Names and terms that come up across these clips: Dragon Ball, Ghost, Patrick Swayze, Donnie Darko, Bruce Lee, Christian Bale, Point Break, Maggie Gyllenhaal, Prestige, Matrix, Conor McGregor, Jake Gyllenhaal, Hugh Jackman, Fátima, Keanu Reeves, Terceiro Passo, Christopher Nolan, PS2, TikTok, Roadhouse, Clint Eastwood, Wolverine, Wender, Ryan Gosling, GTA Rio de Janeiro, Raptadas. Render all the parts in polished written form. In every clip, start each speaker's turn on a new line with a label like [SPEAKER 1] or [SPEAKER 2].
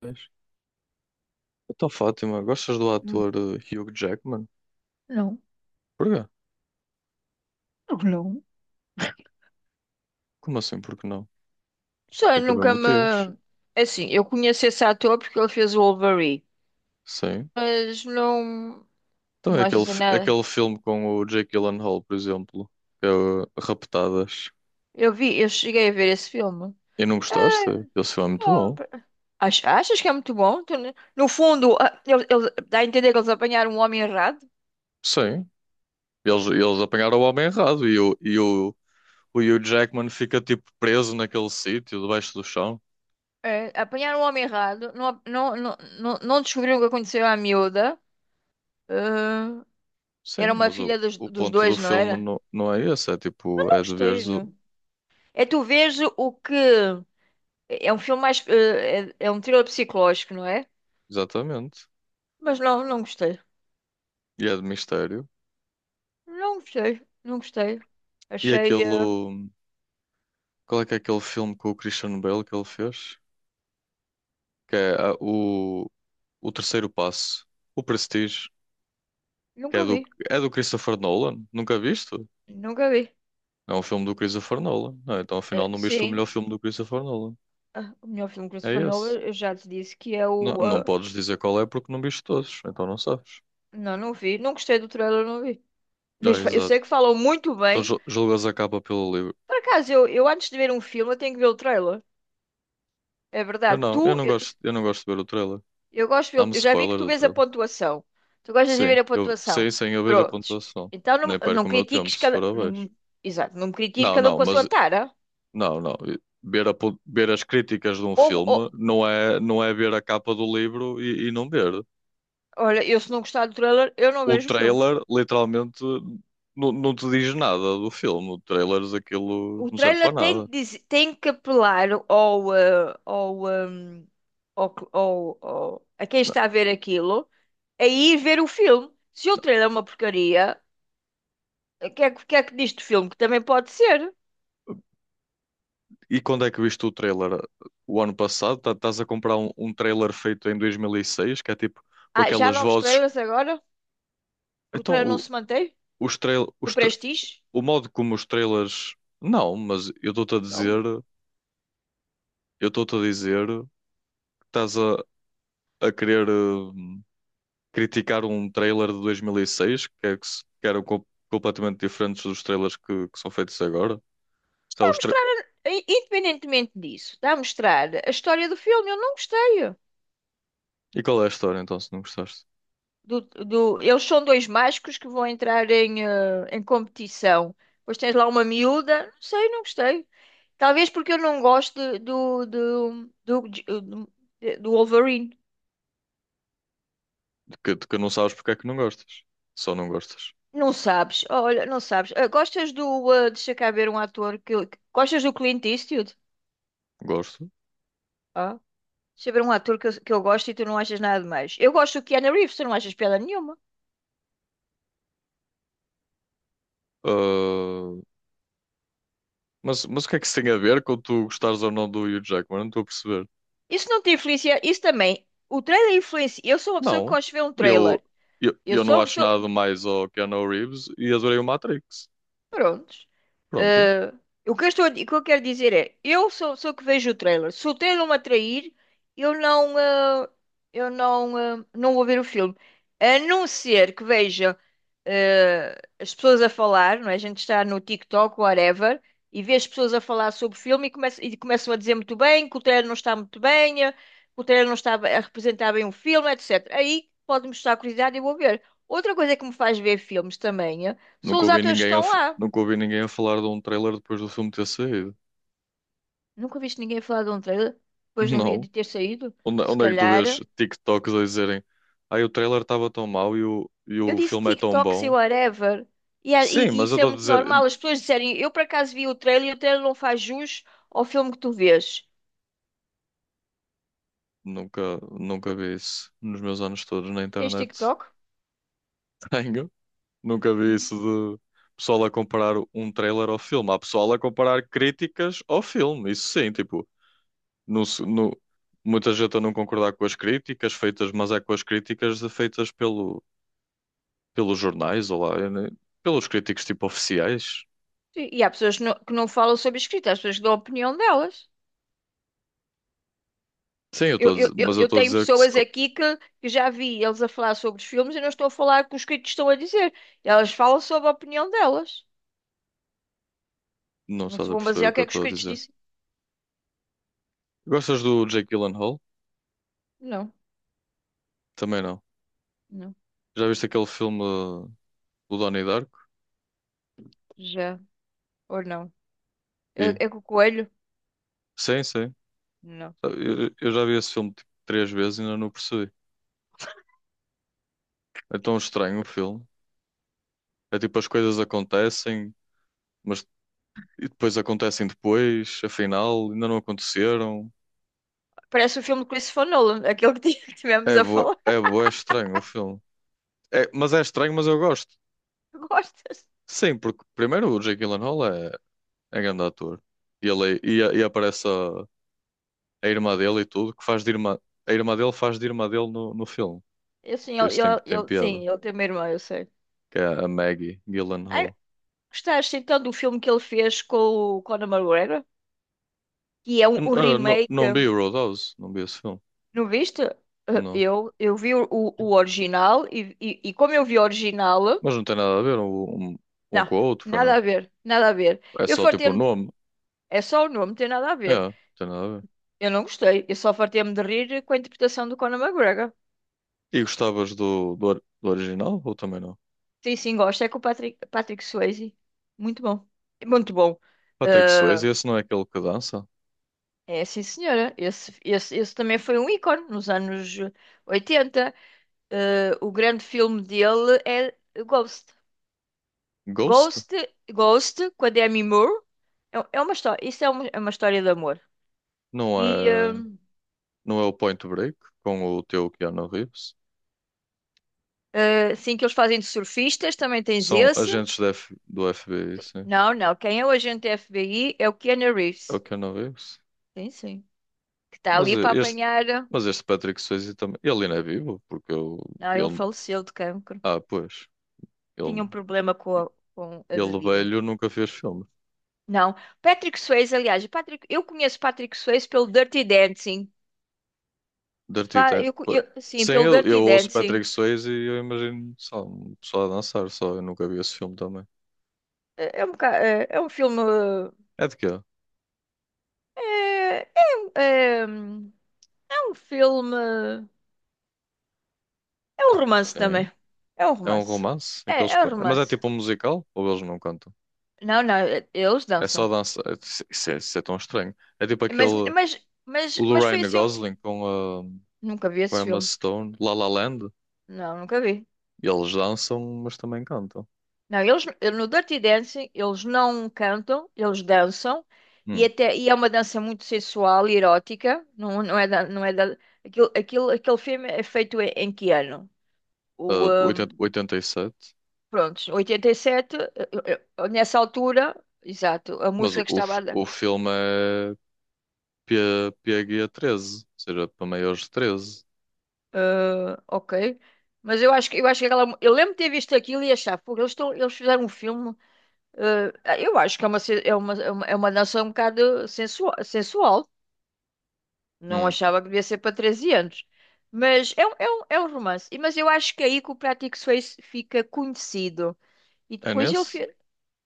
[SPEAKER 1] Pois. Então, Fátima, gostas do
[SPEAKER 2] Hum.
[SPEAKER 1] ator Hugh Jackman?
[SPEAKER 2] Não,
[SPEAKER 1] Porquê?
[SPEAKER 2] não.
[SPEAKER 1] Como assim, porque não?
[SPEAKER 2] Sei,
[SPEAKER 1] Tem que haver
[SPEAKER 2] nunca me.
[SPEAKER 1] motivos.
[SPEAKER 2] Assim, eu conheço esse ator porque ele fez o Wolverine,
[SPEAKER 1] Sim.
[SPEAKER 2] mas não.
[SPEAKER 1] Então
[SPEAKER 2] Não
[SPEAKER 1] é
[SPEAKER 2] mais
[SPEAKER 1] aquele,
[SPEAKER 2] assim nada.
[SPEAKER 1] aquele filme com o Jake Gyllenhaal, por exemplo, que é o Raptadas.
[SPEAKER 2] Eu vi, eu cheguei a ver esse filme.
[SPEAKER 1] E não
[SPEAKER 2] É,
[SPEAKER 1] gostaste? Esse filme é muito
[SPEAKER 2] não,
[SPEAKER 1] bom.
[SPEAKER 2] achas que é muito bom? No fundo, dá a entender que eles apanharam um homem errado.
[SPEAKER 1] Sim. Eles apanharam o homem errado e o Hugh Jackman fica tipo preso naquele sítio, debaixo do chão.
[SPEAKER 2] É, apanharam um homem errado, não, não, não, não, não descobriram o que aconteceu à miúda. Ah, era
[SPEAKER 1] Sim,
[SPEAKER 2] uma
[SPEAKER 1] mas o,
[SPEAKER 2] filha dos,
[SPEAKER 1] o
[SPEAKER 2] dos
[SPEAKER 1] ponto do
[SPEAKER 2] dois, não
[SPEAKER 1] filme
[SPEAKER 2] era?
[SPEAKER 1] não é esse. É tipo,
[SPEAKER 2] Não
[SPEAKER 1] é de
[SPEAKER 2] gostei,
[SPEAKER 1] veres o...
[SPEAKER 2] não. É tu vês o que. É um filme mais. É um thriller psicológico, não é?
[SPEAKER 1] Exatamente.
[SPEAKER 2] Mas não, não gostei.
[SPEAKER 1] E é de mistério.
[SPEAKER 2] Não gostei. Não gostei.
[SPEAKER 1] E aquele.
[SPEAKER 2] Achei.
[SPEAKER 1] Qual é que é aquele filme com o Christian Bale que ele fez? Que é o Terceiro Passo, o Prestige, que é
[SPEAKER 2] Nunca
[SPEAKER 1] do,
[SPEAKER 2] vi.
[SPEAKER 1] é do Christopher Nolan. Nunca viste?
[SPEAKER 2] Nunca vi.
[SPEAKER 1] É um filme do Christopher Nolan. Ah, então afinal
[SPEAKER 2] Eh,
[SPEAKER 1] não viste o
[SPEAKER 2] sim.
[SPEAKER 1] melhor filme do Christopher Nolan.
[SPEAKER 2] O melhor filme que
[SPEAKER 1] É
[SPEAKER 2] Christopher
[SPEAKER 1] esse.
[SPEAKER 2] Nolan, eu já te disse que é
[SPEAKER 1] Não,
[SPEAKER 2] o.
[SPEAKER 1] não podes dizer qual é porque não viste todos, então não sabes.
[SPEAKER 2] Não, não vi. Não gostei do trailer, não vi.
[SPEAKER 1] Ah,
[SPEAKER 2] Mas eu
[SPEAKER 1] exato.
[SPEAKER 2] sei que falam muito
[SPEAKER 1] Então
[SPEAKER 2] bem.
[SPEAKER 1] julgas a capa pelo livro.
[SPEAKER 2] Por acaso, eu antes de ver um filme, eu tenho que ver o trailer. É
[SPEAKER 1] Eu
[SPEAKER 2] verdade.
[SPEAKER 1] não, eu
[SPEAKER 2] Tu,
[SPEAKER 1] não
[SPEAKER 2] eu,
[SPEAKER 1] gosto, eu não gosto de ver o trailer.
[SPEAKER 2] Eu gosto,
[SPEAKER 1] Dá-me
[SPEAKER 2] eu já vi que
[SPEAKER 1] spoiler
[SPEAKER 2] tu
[SPEAKER 1] do
[SPEAKER 2] vês a
[SPEAKER 1] trailer.
[SPEAKER 2] pontuação. Tu gostas de
[SPEAKER 1] Sim,
[SPEAKER 2] ver a pontuação.
[SPEAKER 1] sei sim, eu vejo a
[SPEAKER 2] Prontos.
[SPEAKER 1] pontuação.
[SPEAKER 2] Então
[SPEAKER 1] Nem
[SPEAKER 2] não, não
[SPEAKER 1] perco o meu tempo
[SPEAKER 2] critiques
[SPEAKER 1] se for
[SPEAKER 2] cada.
[SPEAKER 1] abaixo.
[SPEAKER 2] Não, exato, não me critiques
[SPEAKER 1] Não,
[SPEAKER 2] cada um
[SPEAKER 1] não,
[SPEAKER 2] com a sua
[SPEAKER 1] mas...
[SPEAKER 2] tara.
[SPEAKER 1] não, não. Ver as críticas de um
[SPEAKER 2] Houve,
[SPEAKER 1] filme não é ver a capa do livro e não ver.
[SPEAKER 2] olha, eu se não gostar do trailer, eu não
[SPEAKER 1] O
[SPEAKER 2] vejo o filme.
[SPEAKER 1] trailer, literalmente, não te diz nada do filme. O trailer, aquilo
[SPEAKER 2] O
[SPEAKER 1] não serve
[SPEAKER 2] trailer
[SPEAKER 1] para
[SPEAKER 2] tem
[SPEAKER 1] nada.
[SPEAKER 2] que, dizer, tem que apelar ao, eh, ao, ao, que- ao- ao- a quem
[SPEAKER 1] Não.
[SPEAKER 2] está a ver aquilo a ir ver o filme. Se o trailer é uma porcaria, o que é que diz do filme? Que também pode ser.
[SPEAKER 1] E quando é que viste o trailer? O ano passado? Estás a comprar um trailer feito em 2006, que é tipo com
[SPEAKER 2] Ah, já há
[SPEAKER 1] aquelas
[SPEAKER 2] novos
[SPEAKER 1] vozes.
[SPEAKER 2] trailers agora? O
[SPEAKER 1] Então,
[SPEAKER 2] trailer não se mantém?
[SPEAKER 1] os trail,
[SPEAKER 2] Do
[SPEAKER 1] os tra-
[SPEAKER 2] Prestige.
[SPEAKER 1] o modo como os trailers. Não, mas eu estou-te a
[SPEAKER 2] Não.
[SPEAKER 1] dizer, eu estou-te a dizer que estás a querer, criticar um trailer de 2006 que, é que, se- que eram completamente diferentes dos trailers que são feitos agora.
[SPEAKER 2] Está
[SPEAKER 1] Sabe,
[SPEAKER 2] a
[SPEAKER 1] os tra-
[SPEAKER 2] mostrar, independentemente disso, está a mostrar a história do filme. Eu não gostei.
[SPEAKER 1] E qual é a história então, se não gostaste?
[SPEAKER 2] Eles são dois mágicos que vão entrar em competição. Depois tens lá uma miúda. Não sei, não gostei. Talvez porque eu não gosto do, do, do Wolverine.
[SPEAKER 1] De que não sabes porque é que não gostas. Só não gostas.
[SPEAKER 2] Não sabes, olha, não sabes. Ah, gostas do. Deixa cá ver um ator que. Gostas do Clint Eastwood?
[SPEAKER 1] Gosto.
[SPEAKER 2] Ah. Sobre um ator que eu gosto e tu não achas nada de mais. Eu gosto do Keanu Reeves, tu não achas piada nenhuma.
[SPEAKER 1] Ah, mas o que é que isso tem a ver com tu gostares ou não do Hugh Jackman? Não estou a perceber.
[SPEAKER 2] Isso não te influencia, isso também. O trailer influencia. Eu sou uma pessoa que
[SPEAKER 1] Não.
[SPEAKER 2] gosto de ver um
[SPEAKER 1] Eu,
[SPEAKER 2] trailer.
[SPEAKER 1] eu,
[SPEAKER 2] Eu
[SPEAKER 1] eu
[SPEAKER 2] sou
[SPEAKER 1] não
[SPEAKER 2] uma
[SPEAKER 1] acho
[SPEAKER 2] pessoa.
[SPEAKER 1] nada mais ao Keanu Reeves e adorei o Matrix.
[SPEAKER 2] Prontos.
[SPEAKER 1] Pronto.
[SPEAKER 2] Eh, o que eu estou, o que eu quero dizer é, eu sou que vejo o trailer. Se o trailer me atrair, eu não, eh, eu não, eh, não vou ver o filme. A não ser que veja, as pessoas a falar, não é? A gente está no TikTok, whatever, e vê as pessoas a falar sobre o filme e, começam a dizer muito bem que o trailer não está muito bem, que o trailer não está a representar bem o filme, etc. Aí pode-me estar curiosidade e eu vou ver. Outra coisa que me faz ver filmes também, são
[SPEAKER 1] Nunca
[SPEAKER 2] os
[SPEAKER 1] ouvi
[SPEAKER 2] atores que
[SPEAKER 1] ninguém a,
[SPEAKER 2] estão
[SPEAKER 1] f-
[SPEAKER 2] lá.
[SPEAKER 1] nunca ouvi ninguém a falar de um trailer depois do filme ter saído.
[SPEAKER 2] Nunca viste ninguém falar de um trailer depois de um
[SPEAKER 1] Não.
[SPEAKER 2] vídeo ter saído?
[SPEAKER 1] Onde,
[SPEAKER 2] Se
[SPEAKER 1] onde é que tu vês
[SPEAKER 2] calhar.
[SPEAKER 1] TikToks a dizerem ai o trailer estava tão mau e o, e
[SPEAKER 2] Eu
[SPEAKER 1] o
[SPEAKER 2] disse
[SPEAKER 1] filme é tão
[SPEAKER 2] TikTok, sei
[SPEAKER 1] bom?
[SPEAKER 2] whatever. E, é-
[SPEAKER 1] Sim,
[SPEAKER 2] e- e
[SPEAKER 1] mas eu
[SPEAKER 2] isso é
[SPEAKER 1] estou a
[SPEAKER 2] muito
[SPEAKER 1] dizer, eu
[SPEAKER 2] normal. As pessoas disserem, eu por acaso vi o trailer e o trailer não faz jus ao filme que tu vês.
[SPEAKER 1] nunca vi isso nos meus anos todos na
[SPEAKER 2] Tens
[SPEAKER 1] internet.
[SPEAKER 2] TikTok?
[SPEAKER 1] Tenho, nunca vi
[SPEAKER 2] Hum.
[SPEAKER 1] isso de pessoal a comparar um trailer ao filme. Há pessoal a comparar críticas ao filme, isso sim, tipo, no, se- no- muita gente a não concordar com as críticas feitas, mas é com as críticas feitas pelos jornais ou lá, eu nem- pelos críticos tipo oficiais.
[SPEAKER 2] Sim. E há pessoas que não falam sobre escrita, há pessoas que dão a opinião delas.
[SPEAKER 1] Sim, eu estou
[SPEAKER 2] Eu,
[SPEAKER 1] a
[SPEAKER 2] eu,
[SPEAKER 1] dizer,
[SPEAKER 2] eu,
[SPEAKER 1] mas eu
[SPEAKER 2] eu
[SPEAKER 1] estou a
[SPEAKER 2] tenho
[SPEAKER 1] dizer que se...
[SPEAKER 2] pessoas aqui que já vi eles a falar sobre os filmes e não estou a falar o que os críticos estão a dizer. Elas falam sobre a opinião delas.
[SPEAKER 1] Não
[SPEAKER 2] Não se
[SPEAKER 1] estás a
[SPEAKER 2] vão
[SPEAKER 1] perceber o
[SPEAKER 2] basear o
[SPEAKER 1] que
[SPEAKER 2] que
[SPEAKER 1] eu
[SPEAKER 2] é que os
[SPEAKER 1] estou a
[SPEAKER 2] críticos
[SPEAKER 1] dizer.
[SPEAKER 2] dizem.
[SPEAKER 1] Gostas do Jake Gyllenhaal?
[SPEAKER 2] Não,
[SPEAKER 1] Também não.
[SPEAKER 2] não.
[SPEAKER 1] Já viste aquele filme do Donnie Darko?
[SPEAKER 2] Já. Ou não.
[SPEAKER 1] E?
[SPEAKER 2] É com o coelho?
[SPEAKER 1] Sim, sim.
[SPEAKER 2] Não.
[SPEAKER 1] Eu já vi esse filme tipo, três vezes e ainda não percebi. É tão estranho o filme. É tipo as coisas acontecem, mas e depois acontecem depois, afinal, ainda não aconteceram.
[SPEAKER 2] Parece o filme do Christopher Nolan, aquele que tivemos a falar.
[SPEAKER 1] É bué estranho o filme. É, mas é estranho, mas eu gosto.
[SPEAKER 2] Gostas?
[SPEAKER 1] Sim, porque primeiro o Jake Gyllenhaal é grande ator. E ele, e aparece a irmã dele e tudo, que faz de irmã, a irmã dele faz de irmã dele no filme.
[SPEAKER 2] Eu, sim,
[SPEAKER 1] Por isso tem, tem piada.
[SPEAKER 2] sim, ele tem uma irmã, eu sei.
[SPEAKER 1] Que é a Maggie
[SPEAKER 2] Ai,
[SPEAKER 1] Gyllenhaal.
[SPEAKER 2] gostaste então do filme que ele fez com o Conor McGregor? Que é um,
[SPEAKER 1] Eu n-
[SPEAKER 2] um
[SPEAKER 1] eu não,
[SPEAKER 2] remake.
[SPEAKER 1] não vi o Roadhouse, não vi esse filme.
[SPEAKER 2] Não viste?
[SPEAKER 1] Não.
[SPEAKER 2] Eu vi o original e como eu vi o original,
[SPEAKER 1] Mas não tem nada a ver um
[SPEAKER 2] não,
[SPEAKER 1] com o outro, foi
[SPEAKER 2] nada
[SPEAKER 1] não.
[SPEAKER 2] a ver, nada a ver.
[SPEAKER 1] É
[SPEAKER 2] Eu
[SPEAKER 1] só tipo o
[SPEAKER 2] fartei-me,
[SPEAKER 1] nome.
[SPEAKER 2] é só o nome, não tem nada a
[SPEAKER 1] É,
[SPEAKER 2] ver.
[SPEAKER 1] não tem nada a ver.
[SPEAKER 2] Eu não gostei, eu só fartei-me de rir com a interpretação do Conor McGregor.
[SPEAKER 1] E gostavas do original ou também não?
[SPEAKER 2] Sim, sim, gosto. É com o Patrick Swayze. Muito bom. Muito bom.
[SPEAKER 1] Patrick Swayze,
[SPEAKER 2] Ah,
[SPEAKER 1] esse não é aquele que dança?
[SPEAKER 2] é, sim, senhora. Esse também foi um ícone nos anos 80. Ah, o grande filme dele é Ghost.
[SPEAKER 1] Ghost?
[SPEAKER 2] Ghost, Ghost, com a Demi Moore. É uma história, isso é uma história de amor.
[SPEAKER 1] Não
[SPEAKER 2] E ah,
[SPEAKER 1] é, não é o Point Break com o teu Keanu Reeves?
[SPEAKER 2] sim, que eles fazem de surfistas, também tens
[SPEAKER 1] São
[SPEAKER 2] esse.
[SPEAKER 1] agentes da do FBI, sim.
[SPEAKER 2] Não, não. Quem é o agente FBI é o Keanu
[SPEAKER 1] É o
[SPEAKER 2] Reeves.
[SPEAKER 1] Keanu Reeves?
[SPEAKER 2] Sim, sim. Que está
[SPEAKER 1] Mas
[SPEAKER 2] ali para apanhar.
[SPEAKER 1] este Patrick Swayze também. Ele ainda é vivo, porque eu,
[SPEAKER 2] Não, ele
[SPEAKER 1] ele.
[SPEAKER 2] faleceu de cancro.
[SPEAKER 1] Ah, pois.
[SPEAKER 2] Tinha
[SPEAKER 1] Ele,
[SPEAKER 2] um problema com a
[SPEAKER 1] ele
[SPEAKER 2] bebida.
[SPEAKER 1] velho nunca fez filme.
[SPEAKER 2] Não, Patrick Swayze, aliás, o Patrick, eu conheço Patrick Swayze pelo Dirty Dancing.
[SPEAKER 1] Dirty Tan- po-
[SPEAKER 2] Sim,
[SPEAKER 1] Sem
[SPEAKER 2] pelo
[SPEAKER 1] ele,
[SPEAKER 2] Dirty
[SPEAKER 1] eu ouço Patrick
[SPEAKER 2] Dancing.
[SPEAKER 1] Swayze e eu imagino só um pessoal a dançar, só. Eu nunca vi esse filme também.
[SPEAKER 2] É um filme.
[SPEAKER 1] É de quê?
[SPEAKER 2] É, é, um- é, um- é um filme. É um romance
[SPEAKER 1] Sim.
[SPEAKER 2] também. É um
[SPEAKER 1] É um
[SPEAKER 2] romance.
[SPEAKER 1] romance?
[SPEAKER 2] É,
[SPEAKER 1] Aqueles...
[SPEAKER 2] é um
[SPEAKER 1] Mas é
[SPEAKER 2] romance.
[SPEAKER 1] tipo um musical? Ou eles não cantam?
[SPEAKER 2] Não, não, eles
[SPEAKER 1] É só
[SPEAKER 2] dançam.
[SPEAKER 1] dança. É- Isso é tão estranho. É tipo
[SPEAKER 2] Mas,
[SPEAKER 1] aquele.
[SPEAKER 2] mas, mas,
[SPEAKER 1] O do
[SPEAKER 2] mas foi
[SPEAKER 1] Ryan
[SPEAKER 2] assim.
[SPEAKER 1] Gosling com a,
[SPEAKER 2] Nunca vi
[SPEAKER 1] com
[SPEAKER 2] esse
[SPEAKER 1] a Emma
[SPEAKER 2] filme.
[SPEAKER 1] Stone, La La Land.
[SPEAKER 2] Não, nunca vi.
[SPEAKER 1] E eles dançam, mas também cantam.
[SPEAKER 2] Não, eles no Dirty Dancing eles não cantam, eles dançam e
[SPEAKER 1] Hum.
[SPEAKER 2] até e é uma dança muito sensual e erótica. Não, aquele filme é feito em que ano?
[SPEAKER 1] Ah,
[SPEAKER 2] O
[SPEAKER 1] de 80,
[SPEAKER 2] um,
[SPEAKER 1] 87,
[SPEAKER 2] Pronto, 87, nessa altura, exato, a
[SPEAKER 1] mas o,
[SPEAKER 2] música que
[SPEAKER 1] o,
[SPEAKER 2] estava
[SPEAKER 1] f-
[SPEAKER 2] a dar.
[SPEAKER 1] o filme é P, P PG-13, ou seja, para maiores de 13.
[SPEAKER 2] Ah, ok. Mas eu acho que aquela, eu lembro de ter visto aquilo e achar, pô, eles fizeram um filme. eh, eu acho que é uma, é uma dança um bocado sensual, sensual. Não
[SPEAKER 1] Hum.
[SPEAKER 2] achava que devia ser para 13 anos. Mas é um romance. Mas eu acho que é aí que o Prático Suíço fica conhecido. E
[SPEAKER 1] É
[SPEAKER 2] depois ele,
[SPEAKER 1] nesse?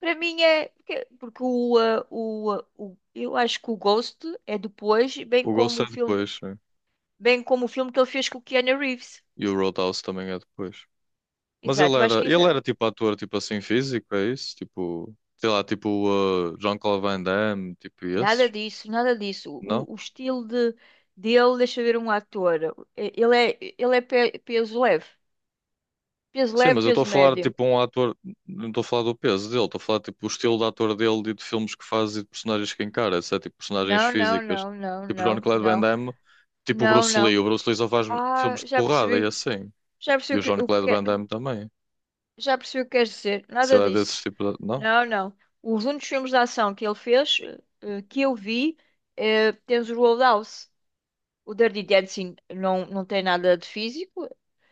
[SPEAKER 2] para mim, é. Porque eu acho que o Ghost é depois, bem
[SPEAKER 1] O Ghost
[SPEAKER 2] como o
[SPEAKER 1] é
[SPEAKER 2] filme,
[SPEAKER 1] depois, sim.
[SPEAKER 2] bem como o filme que ele fez com o Keanu Reeves.
[SPEAKER 1] E o Roadhouse também é depois. Mas ele
[SPEAKER 2] Exato, eu acho
[SPEAKER 1] era,
[SPEAKER 2] que isso.
[SPEAKER 1] ele era tipo ator, tipo assim, físico, é isso? Tipo, sei lá, tipo Jean-Claude Van Damme, tipo
[SPEAKER 2] Nada
[SPEAKER 1] esses?
[SPEAKER 2] disso, nada disso.
[SPEAKER 1] Não?
[SPEAKER 2] O estilo de, dele, deixa eu ver um ator. Ele é peso leve. Peso
[SPEAKER 1] Sim,
[SPEAKER 2] leve,
[SPEAKER 1] mas eu estou a
[SPEAKER 2] peso
[SPEAKER 1] falar
[SPEAKER 2] médio.
[SPEAKER 1] tipo um ator, não estou a falar do peso dele, estou a falar tipo o estilo de ator dele e de filmes que faz e de personagens que encara, etc. Tipo personagens
[SPEAKER 2] Não, não,
[SPEAKER 1] físicas,
[SPEAKER 2] não, não,
[SPEAKER 1] tipo
[SPEAKER 2] não,
[SPEAKER 1] Jean-Claude Van
[SPEAKER 2] não.
[SPEAKER 1] Damme, tipo o
[SPEAKER 2] Não,
[SPEAKER 1] Bruce Lee.
[SPEAKER 2] não.
[SPEAKER 1] O Bruce Lee só faz
[SPEAKER 2] Ah,
[SPEAKER 1] filmes de
[SPEAKER 2] já
[SPEAKER 1] porrada e
[SPEAKER 2] percebi.
[SPEAKER 1] assim.
[SPEAKER 2] Já
[SPEAKER 1] E o
[SPEAKER 2] percebi o que
[SPEAKER 1] Jean-Claude Van
[SPEAKER 2] quer.
[SPEAKER 1] Damme também.
[SPEAKER 2] Já percebi o que queres dizer.
[SPEAKER 1] Se
[SPEAKER 2] Nada
[SPEAKER 1] ele é desses
[SPEAKER 2] disso.
[SPEAKER 1] tipo, de... não?
[SPEAKER 2] Não, não. Os únicos filmes de ação que ele fez, que eu vi, temos o Roadhouse. O Dirty Dancing não, não tem nada de físico.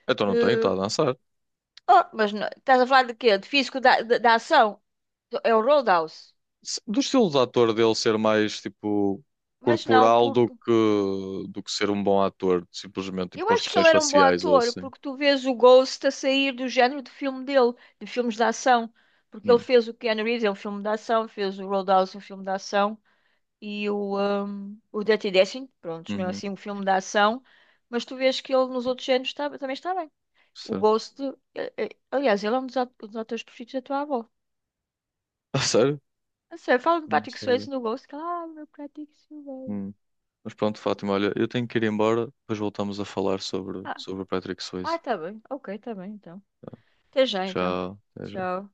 [SPEAKER 1] Então não tem, está
[SPEAKER 2] eh,
[SPEAKER 1] a dançar.
[SPEAKER 2] oh, mas estás a falar de quê? De físico da ação? É o Roadhouse.
[SPEAKER 1] Do estilo de ator dele ser mais tipo
[SPEAKER 2] Mas não,
[SPEAKER 1] corporal
[SPEAKER 2] por,
[SPEAKER 1] do que ser um bom ator, simplesmente tipo
[SPEAKER 2] eu
[SPEAKER 1] com
[SPEAKER 2] acho que
[SPEAKER 1] expressões
[SPEAKER 2] ele era um bom
[SPEAKER 1] faciais ou
[SPEAKER 2] ator,
[SPEAKER 1] assim.
[SPEAKER 2] porque tu vês o Ghost a sair do género de filme dele, de filmes de ação. Porque ele
[SPEAKER 1] Hum,
[SPEAKER 2] fez o Keanu Reeves, é um filme de ação, fez o Roadhouse, é um filme de ação, e o Dirty Dancing, pronto, não é
[SPEAKER 1] uhum,
[SPEAKER 2] assim um filme de ação, mas tu vês que ele nos outros géneros também está bem. O
[SPEAKER 1] certo.
[SPEAKER 2] Ghost, aliás, ele é um dos atores preferidos da tua avó.
[SPEAKER 1] Ah, sério?
[SPEAKER 2] Não sei, fala de
[SPEAKER 1] Não
[SPEAKER 2] Patrick
[SPEAKER 1] sabia.
[SPEAKER 2] Swayze no Ghost, que ela, ah, meu Patrick Swayze.
[SPEAKER 1] Hum. Mas pronto, Fátima, olha, eu tenho que ir embora, depois voltamos a falar sobre,
[SPEAKER 2] Ah,
[SPEAKER 1] sobre o Patrick Swayze.
[SPEAKER 2] tá bem, ok, tá bem, então. Até já, então.
[SPEAKER 1] Já, já.
[SPEAKER 2] Tchau.